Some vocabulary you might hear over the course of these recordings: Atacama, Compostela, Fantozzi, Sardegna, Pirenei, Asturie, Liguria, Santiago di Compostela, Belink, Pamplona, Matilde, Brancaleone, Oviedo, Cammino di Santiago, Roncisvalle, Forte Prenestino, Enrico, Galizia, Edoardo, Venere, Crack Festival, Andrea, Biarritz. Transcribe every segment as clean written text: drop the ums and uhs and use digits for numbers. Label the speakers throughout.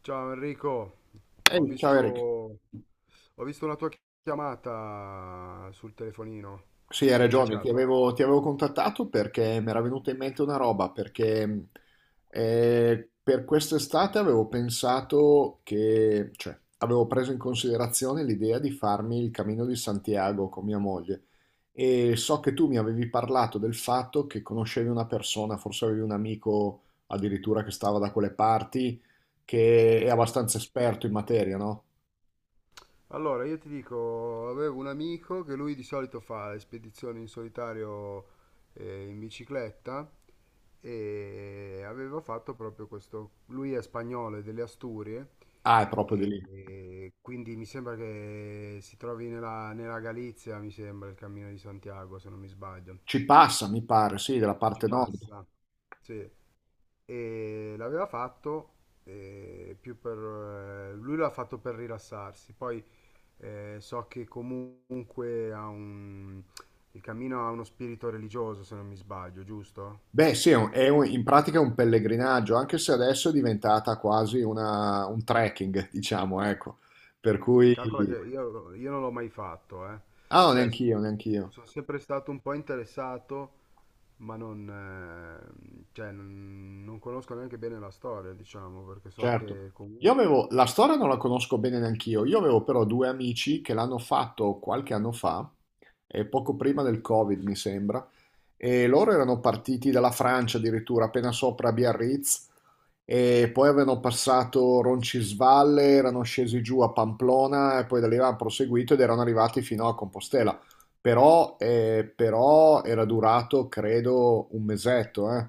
Speaker 1: Ciao Enrico,
Speaker 2: Ehi, ciao Eric.
Speaker 1: ho visto una tua chiamata sul telefonino,
Speaker 2: Sì, hai
Speaker 1: mi avevi
Speaker 2: ragione, ti
Speaker 1: cercato?
Speaker 2: avevo, ti avevo contattato perché mi era venuta in mente una roba, perché per quest'estate avevo pensato che, cioè, avevo preso in considerazione l'idea di farmi il Cammino di Santiago con mia moglie e so che tu mi avevi parlato del fatto che conoscevi una persona, forse avevi un amico addirittura che stava da quelle parti, che è abbastanza esperto in materia, no?
Speaker 1: Allora, io ti dico, avevo un amico che lui di solito fa le spedizioni in solitario, in bicicletta, e aveva fatto proprio questo. Lui è spagnolo, è delle Asturie,
Speaker 2: Ah, è proprio di
Speaker 1: e,
Speaker 2: lì.
Speaker 1: e quindi mi sembra che si trovi nella, nella Galizia, mi sembra, il Cammino di Santiago, se non mi sbaglio.
Speaker 2: Ci passa, mi pare, sì, della
Speaker 1: Ci
Speaker 2: parte nord.
Speaker 1: passa, sì. E l'aveva fatto più per lui l'ha fatto per rilassarsi. Poi so che comunque ha un il cammino ha uno spirito religioso, se non mi sbaglio, giusto?
Speaker 2: Beh, sì, in pratica è un pellegrinaggio, anche se adesso è diventata un trekking, diciamo, ecco. Per
Speaker 1: Sì,
Speaker 2: cui...
Speaker 1: calcola che io non l'ho mai fatto, eh.
Speaker 2: Ah, no,
Speaker 1: Cioè, s-
Speaker 2: neanch'io,
Speaker 1: sono sempre stato un po' interessato, ma non, cioè, non, non conosco neanche bene la storia, diciamo, perché so
Speaker 2: certo.
Speaker 1: che
Speaker 2: Io
Speaker 1: comunque,
Speaker 2: avevo... La storia non la conosco bene neanch'io, io avevo però due amici che l'hanno fatto qualche anno fa, e poco prima del Covid, mi sembra, e loro erano partiti dalla Francia addirittura, appena sopra Biarritz, e poi avevano passato Roncisvalle, erano scesi giù a Pamplona e poi da lì avevano proseguito ed erano arrivati fino a Compostela. Però, però era durato, credo, un mesetto, eh.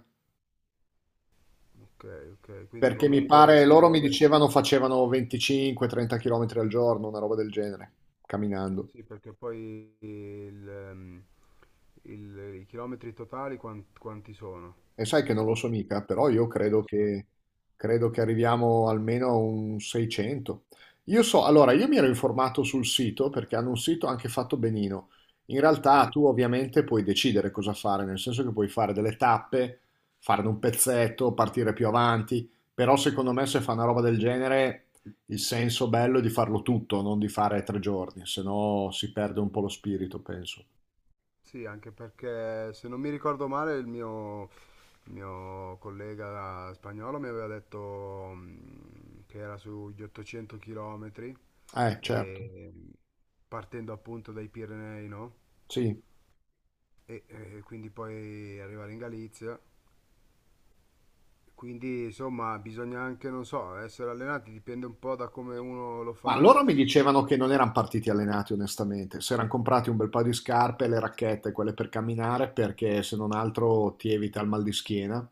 Speaker 1: ok, ok, quindi
Speaker 2: Perché mi
Speaker 1: comunque
Speaker 2: pare,
Speaker 1: ci
Speaker 2: loro mi
Speaker 1: vuole.
Speaker 2: dicevano facevano 25-30 km al giorno, una roba del genere, camminando.
Speaker 1: Sì, perché poi i chilometri totali quanti sono?
Speaker 2: E sai che non lo so mica, però
Speaker 1: Non lo sai.
Speaker 2: credo che arriviamo almeno a un 600. Io so, allora, io mi ero informato sul sito perché hanno un sito anche fatto benino. In realtà
Speaker 1: Sì?
Speaker 2: tu ovviamente puoi decidere cosa fare, nel senso che puoi fare delle tappe, farne un pezzetto, partire più avanti, però secondo me se fa una roba del genere il senso bello è di farlo tutto, non di fare tre giorni, se no si perde un po' lo spirito, penso.
Speaker 1: Sì, anche perché se non mi ricordo male il mio collega spagnolo mi aveva detto che era sugli 800 chilometri,
Speaker 2: Certo,
Speaker 1: e, partendo appunto dai Pirenei, no?
Speaker 2: sì.
Speaker 1: E quindi poi arrivare in Galizia. Quindi insomma bisogna anche, non so, essere allenati, dipende un po' da come uno lo
Speaker 2: Ma
Speaker 1: fa.
Speaker 2: loro mi dicevano che non eran partiti allenati onestamente, s'eran comprati un bel paio di scarpe, le racchette, quelle per camminare, perché se non altro ti evita il mal di schiena.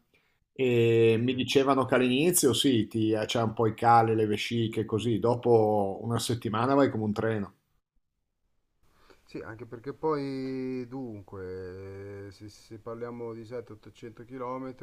Speaker 2: E mi
Speaker 1: Sì.
Speaker 2: dicevano che all'inizio sì, c'è un po' i cali, le vesciche, così, dopo una settimana vai come un treno.
Speaker 1: Sì, anche perché poi, dunque, se parliamo di 700-800 km,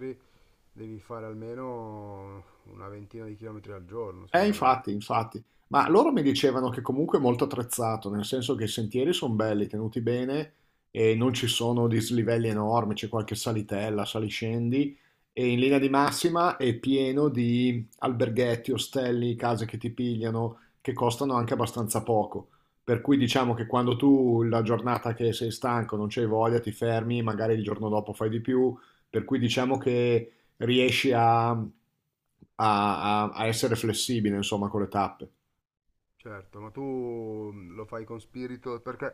Speaker 1: devi fare almeno una ventina di chilometri al giorno, secondo me.
Speaker 2: Infatti, infatti. Ma loro mi dicevano che comunque è molto attrezzato, nel senso che i sentieri sono belli, tenuti bene e non ci sono dislivelli enormi, c'è qualche salitella, saliscendi e in linea di massima è pieno di alberghetti, ostelli, case che ti pigliano, che costano anche abbastanza poco. Per cui diciamo che quando tu la giornata che sei stanco, non c'hai voglia, ti fermi, magari il giorno dopo fai di più. Per cui diciamo che riesci a, a- a- a essere flessibile, insomma, con le tappe.
Speaker 1: Certo, ma tu lo fai con spirito, perché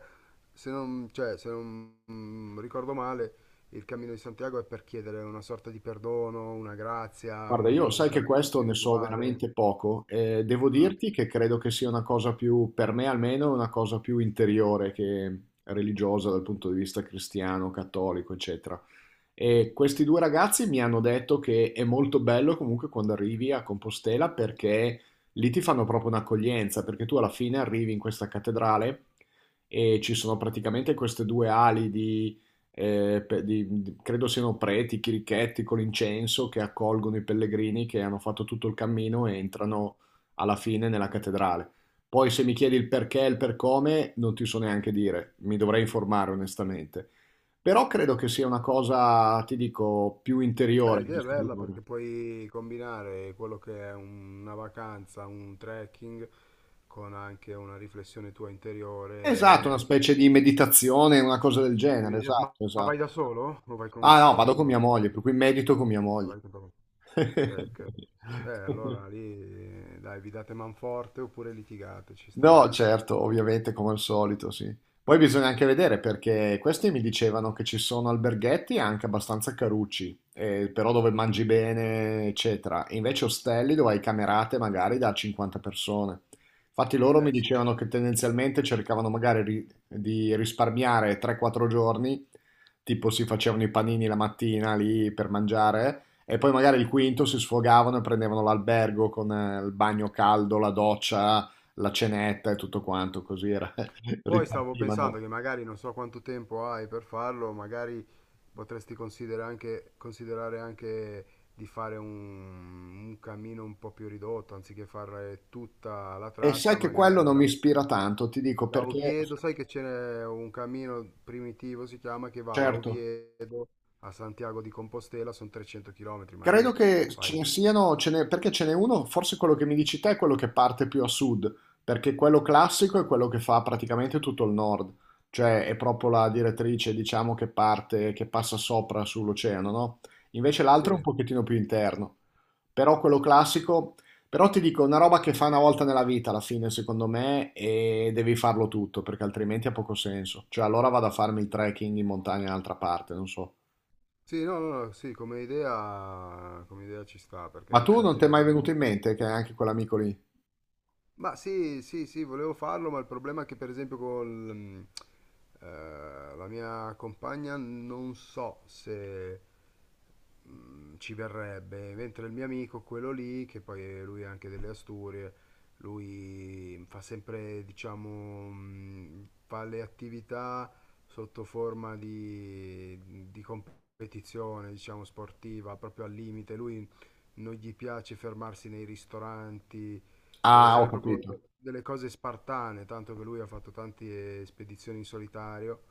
Speaker 1: se non ricordo male, il cammino di Santiago è per chiedere una sorta di perdono, una grazia,
Speaker 2: Guarda, io
Speaker 1: un
Speaker 2: sai che
Speaker 1: cammino
Speaker 2: questo ne so
Speaker 1: spirituale.
Speaker 2: veramente poco e devo
Speaker 1: Ah.
Speaker 2: dirti che credo che sia una cosa più, per me almeno, una cosa più interiore che religiosa dal punto di vista cristiano, cattolico, eccetera. E questi due ragazzi mi hanno detto che è molto bello comunque quando arrivi a Compostela perché lì ti fanno proprio un'accoglienza, perché tu alla fine arrivi in questa cattedrale e ci sono praticamente queste due ali di, credo siano preti, chirichetti con l'incenso che accolgono i pellegrini che hanno fatto tutto il cammino e entrano alla fine nella cattedrale. Poi se mi chiedi il perché e il per come, non ti so neanche dire, mi dovrei informare onestamente. Però credo che sia una cosa, ti dico, più
Speaker 1: Beh,
Speaker 2: interiore che
Speaker 1: l'idea è bella
Speaker 2: esteriore.
Speaker 1: perché puoi combinare quello che è una vacanza, un trekking, con anche una riflessione tua
Speaker 2: Esatto, una
Speaker 1: interiore.
Speaker 2: specie di meditazione, una cosa del genere,
Speaker 1: Ma
Speaker 2: esatto,
Speaker 1: ma vai
Speaker 2: esatto.
Speaker 1: da solo o vai con
Speaker 2: Ah no, vado con mia
Speaker 1: qualcuno?
Speaker 2: moglie, per cui medito con mia
Speaker 1: Ah,
Speaker 2: moglie.
Speaker 1: vai con qualcuno. Ok, ok. Allora lì, dai, vi date manforte oppure litigate, ci
Speaker 2: No,
Speaker 1: sta...
Speaker 2: certo, ovviamente come al solito, sì. Poi bisogna anche vedere perché questi mi dicevano che ci sono alberghetti anche abbastanza carucci, però dove mangi bene, eccetera. E invece ostelli dove hai camerate magari da 50 persone. Infatti loro mi
Speaker 1: Sì.
Speaker 2: dicevano che tendenzialmente cercavano magari di risparmiare 3-4 giorni, tipo si facevano i panini la mattina lì per mangiare. E poi magari il quinto si sfogavano e prendevano l'albergo con il bagno caldo, la doccia, la cenetta e tutto quanto,
Speaker 1: Poi stavo pensando
Speaker 2: ripartivano.
Speaker 1: che magari non so quanto tempo hai per farlo. Magari potresti considerare anche di fare un cammino un po' più ridotto, anziché fare tutta la
Speaker 2: E sai
Speaker 1: tratta.
Speaker 2: che
Speaker 1: Magari
Speaker 2: quello non mi
Speaker 1: vai
Speaker 2: ispira tanto, ti dico
Speaker 1: da
Speaker 2: perché,
Speaker 1: Oviedo, sai che c'è un cammino primitivo, si chiama, che va da
Speaker 2: certo,
Speaker 1: Oviedo a Santiago di Compostela, sono 300 km,
Speaker 2: Credo
Speaker 1: magari
Speaker 2: che ce
Speaker 1: fai...
Speaker 2: ne siano, perché ce n'è uno, forse quello che mi dici te è quello che parte più a sud, perché quello classico è quello che fa praticamente tutto il nord, cioè è proprio la direttrice, diciamo, che parte, che passa sopra sull'oceano, no? Invece l'altro è un
Speaker 1: Sì,
Speaker 2: pochettino più interno, però quello classico, però ti dico, una roba che fa una volta nella vita alla fine, secondo me, e devi farlo tutto, perché altrimenti ha poco senso, cioè allora vado a farmi il trekking in montagna in un'altra parte, non so.
Speaker 1: sì, no, no, no, sì, come idea ci sta, perché
Speaker 2: Ma
Speaker 1: in
Speaker 2: tu non
Speaker 1: effetti
Speaker 2: ti è
Speaker 1: non è...
Speaker 2: mai venuto in mente che anche quell'amico lì
Speaker 1: Ma sì, sì, sì, volevo farlo, ma il problema è che per esempio con la mia compagna non so se ci verrebbe, mentre il mio amico, quello lì, lui è anche delle Asturie. Lui fa sempre, diciamo, fa le attività sotto forma di competizione, diciamo, sportiva, proprio al limite. Lui non gli piace fermarsi nei ristoranti. Vuole
Speaker 2: Ah, ho
Speaker 1: fare proprio
Speaker 2: capito,
Speaker 1: delle cose spartane, tanto che lui ha fatto tante spedizioni in solitario,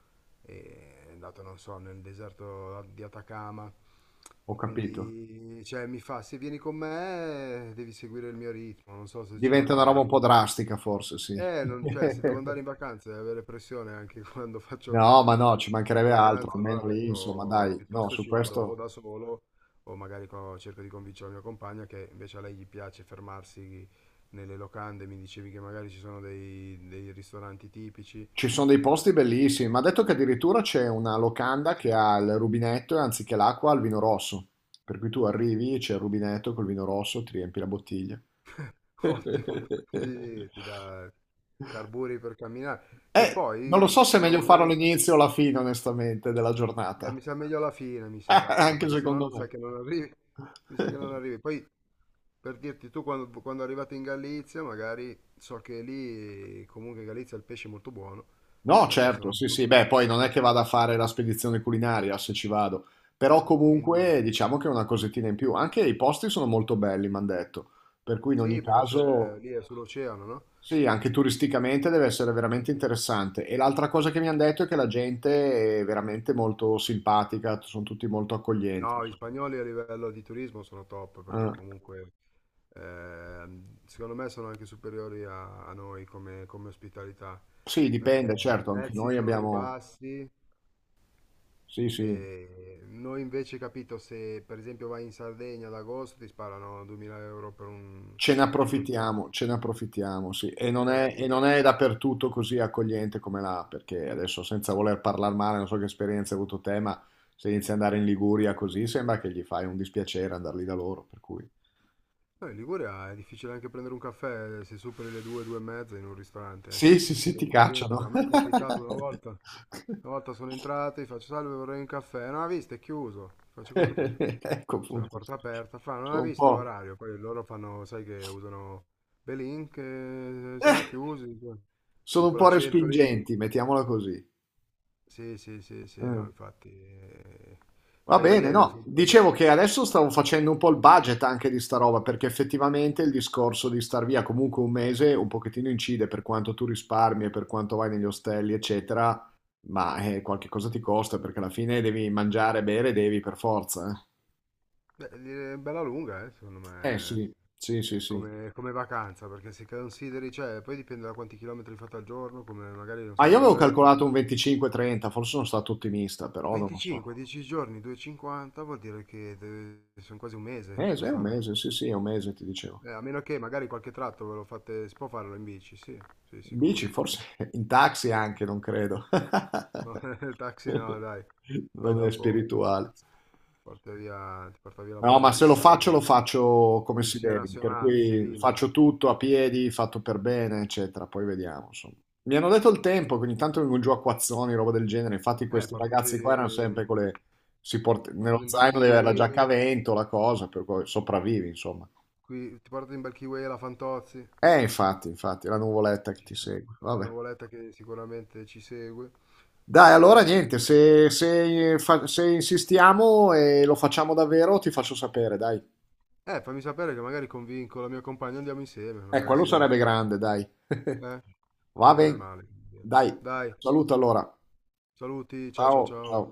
Speaker 1: e è andato, non so, nel deserto di Atacama.
Speaker 2: ho capito.
Speaker 1: Quindi, cioè, mi fa, se vieni con me, devi seguire il mio ritmo, non so se ce la
Speaker 2: Diventa una roba
Speaker 1: fai.
Speaker 2: un po'
Speaker 1: Quindi...
Speaker 2: drastica, forse, sì.
Speaker 1: Non, cioè, se devo andare in vacanza e avere pressione anche quando faccio
Speaker 2: No, ma no, ci
Speaker 1: in
Speaker 2: mancherebbe altro,
Speaker 1: vacanza, allora ho
Speaker 2: almeno lì, insomma,
Speaker 1: detto
Speaker 2: dai, no,
Speaker 1: piuttosto
Speaker 2: su
Speaker 1: ci vado o
Speaker 2: questo
Speaker 1: da solo o magari cerco di convincere la mia compagna, che invece a lei gli piace fermarsi nelle locande. Mi dicevi che magari ci sono dei ristoranti tipici,
Speaker 2: ci sono dei posti bellissimi, ma ha detto che addirittura c'è una locanda che ha il rubinetto e anziché l'acqua ha il vino rosso, per cui tu arrivi, c'è il rubinetto col vino rosso, ti riempi la bottiglia.
Speaker 1: ottimo, quindi ti dà carburi per camminare, che
Speaker 2: Non
Speaker 1: poi
Speaker 2: lo so se è
Speaker 1: una
Speaker 2: meglio
Speaker 1: volta
Speaker 2: farlo
Speaker 1: arri-
Speaker 2: all'inizio o alla fine, onestamente, della
Speaker 1: mi
Speaker 2: giornata,
Speaker 1: sa meglio alla fine, mi sa,
Speaker 2: anche
Speaker 1: perché sennò
Speaker 2: secondo
Speaker 1: mi sa
Speaker 2: me.
Speaker 1: che non arrivi, mi sa che non arrivi. Poi per dirti, tu quando arrivate in Galizia, magari so che lì, comunque in Galizia il pesce è molto buono,
Speaker 2: No,
Speaker 1: perché
Speaker 2: certo,
Speaker 1: sono...
Speaker 2: sì, sì, beh, poi non è che vada a fare la spedizione culinaria se ci vado, però
Speaker 1: Quindi,
Speaker 2: comunque diciamo che è una cosettina in più. Anche i posti sono molto belli, mi hanno detto, per cui in ogni
Speaker 1: sì, perché c'è,
Speaker 2: caso,
Speaker 1: lì è sull'oceano, no?
Speaker 2: sì, anche turisticamente deve essere veramente interessante. E l'altra cosa che mi hanno detto è che la gente è veramente molto simpatica, sono tutti molto accoglienti.
Speaker 1: No, gli spagnoli a livello di turismo sono top, perché
Speaker 2: Eh,
Speaker 1: comunque secondo me sono anche superiori a noi come, come ospitalità,
Speaker 2: sì, dipende,
Speaker 1: perché
Speaker 2: certo,
Speaker 1: i
Speaker 2: anche
Speaker 1: prezzi
Speaker 2: noi
Speaker 1: sono più
Speaker 2: abbiamo,
Speaker 1: bassi
Speaker 2: sì, sì.
Speaker 1: e noi invece, capito, se per esempio vai in Sardegna ad agosto ti sparano 2000 euro per un 5 giorni.
Speaker 2: Ce ne approfittiamo, sì.
Speaker 1: Eh
Speaker 2: E
Speaker 1: sì.
Speaker 2: non è dappertutto così accogliente come là, perché adesso senza voler parlare male, non so che esperienza hai avuto te, ma se inizi ad andare in Liguria così sembra che gli fai un dispiacere andar lì da loro, per cui...
Speaker 1: Poi in Liguria è difficile anche prendere un caffè, se superi le due, due e mezza in un ristorante, eh.
Speaker 2: Sì, sì, sì,
Speaker 1: Se
Speaker 2: ti
Speaker 1: entri dentro, a
Speaker 2: cacciano.
Speaker 1: me è capitato una volta sono entrato, gli faccio salve, vorrei un caffè. Non ha visto, è chiuso. Faccio, come è chiuso?
Speaker 2: Ecco
Speaker 1: C'è la
Speaker 2: appunto.
Speaker 1: porta aperta. Fa, non ha
Speaker 2: Sono un
Speaker 1: visto
Speaker 2: po'...
Speaker 1: l'orario. Poi loro fanno, sai che usano Belink, siamo
Speaker 2: eh,
Speaker 1: chiusi. Con
Speaker 2: Sono un po'
Speaker 1: quell'accento lì.
Speaker 2: respingenti, mettiamola così.
Speaker 1: Sì, sì, sì, sì, no,
Speaker 2: Mm.
Speaker 1: infatti. Eh,
Speaker 2: Va
Speaker 1: fai
Speaker 2: bene,
Speaker 1: bene,
Speaker 2: no.
Speaker 1: fai bene.
Speaker 2: Dicevo che adesso stavo facendo un po' il budget anche di sta roba, perché effettivamente il discorso di star via comunque un mese un pochettino incide per quanto tu risparmi e per quanto vai negli ostelli, eccetera, ma qualche cosa ti costa perché alla fine devi mangiare, bere, devi per forza.
Speaker 1: Beh, è bella lunga, secondo me.
Speaker 2: Sì, sì, sì, sì.
Speaker 1: Come, come vacanza, perché se consideri, cioè, poi dipende da quanti chilometri fate al giorno, come magari, non
Speaker 2: Ma
Speaker 1: so,
Speaker 2: io avevo
Speaker 1: magari qualche...
Speaker 2: calcolato un 25-30, forse sono stato ottimista, però non lo so.
Speaker 1: 25, 10 giorni, 2,50 vuol dire che deve... sono quasi un mese
Speaker 2: Mese,
Speaker 1: per
Speaker 2: è un
Speaker 1: farlo.
Speaker 2: mese, sì, sì, è un mese, ti dicevo.
Speaker 1: A meno che magari qualche tratto ve lo fate, si può farlo in bici, sì, sì,
Speaker 2: In
Speaker 1: sicuro.
Speaker 2: bici, forse in taxi anche, non credo.
Speaker 1: No, il taxi no, dai. Poi
Speaker 2: Non è
Speaker 1: dopo
Speaker 2: spirituale.
Speaker 1: porta via, ti porta via la
Speaker 2: No, ma se lo
Speaker 1: polizia,
Speaker 2: faccio, lo faccio come si
Speaker 1: polizia
Speaker 2: deve, per
Speaker 1: nazionale,
Speaker 2: cui
Speaker 1: civile.
Speaker 2: faccio tutto a piedi, fatto per bene, eccetera. Poi vediamo, insomma. Mi hanno detto il tempo, che ogni tanto vengono giù a acquazzoni, roba del genere. Infatti questi
Speaker 1: Portati,
Speaker 2: ragazzi qua erano sempre con le... Nello
Speaker 1: portati un bel
Speaker 2: zaino deve avere la giacca a
Speaker 1: kiwi,
Speaker 2: vento, la cosa, per cui sopravvivi, insomma.
Speaker 1: qui, ti portati un bel kiwi alla Fantozzi.
Speaker 2: Infatti, infatti, la nuvoletta che
Speaker 1: Ci
Speaker 2: ti
Speaker 1: sta.
Speaker 2: segue.
Speaker 1: È una
Speaker 2: Vabbè.
Speaker 1: nuvoletta che sicuramente ci segue.
Speaker 2: Dai, allora
Speaker 1: Eh,
Speaker 2: niente, se insistiamo e lo facciamo davvero, ti faccio sapere, dai.
Speaker 1: fammi sapere che magari convinco la mia compagna, andiamo insieme, magari
Speaker 2: Quello
Speaker 1: se...
Speaker 2: sarebbe grande, dai.
Speaker 1: Eh, che
Speaker 2: Va
Speaker 1: non è
Speaker 2: bene,
Speaker 1: male.
Speaker 2: dai,
Speaker 1: Dai,
Speaker 2: saluto allora.
Speaker 1: saluti, ciao ciao
Speaker 2: Ciao, ciao.
Speaker 1: ciao.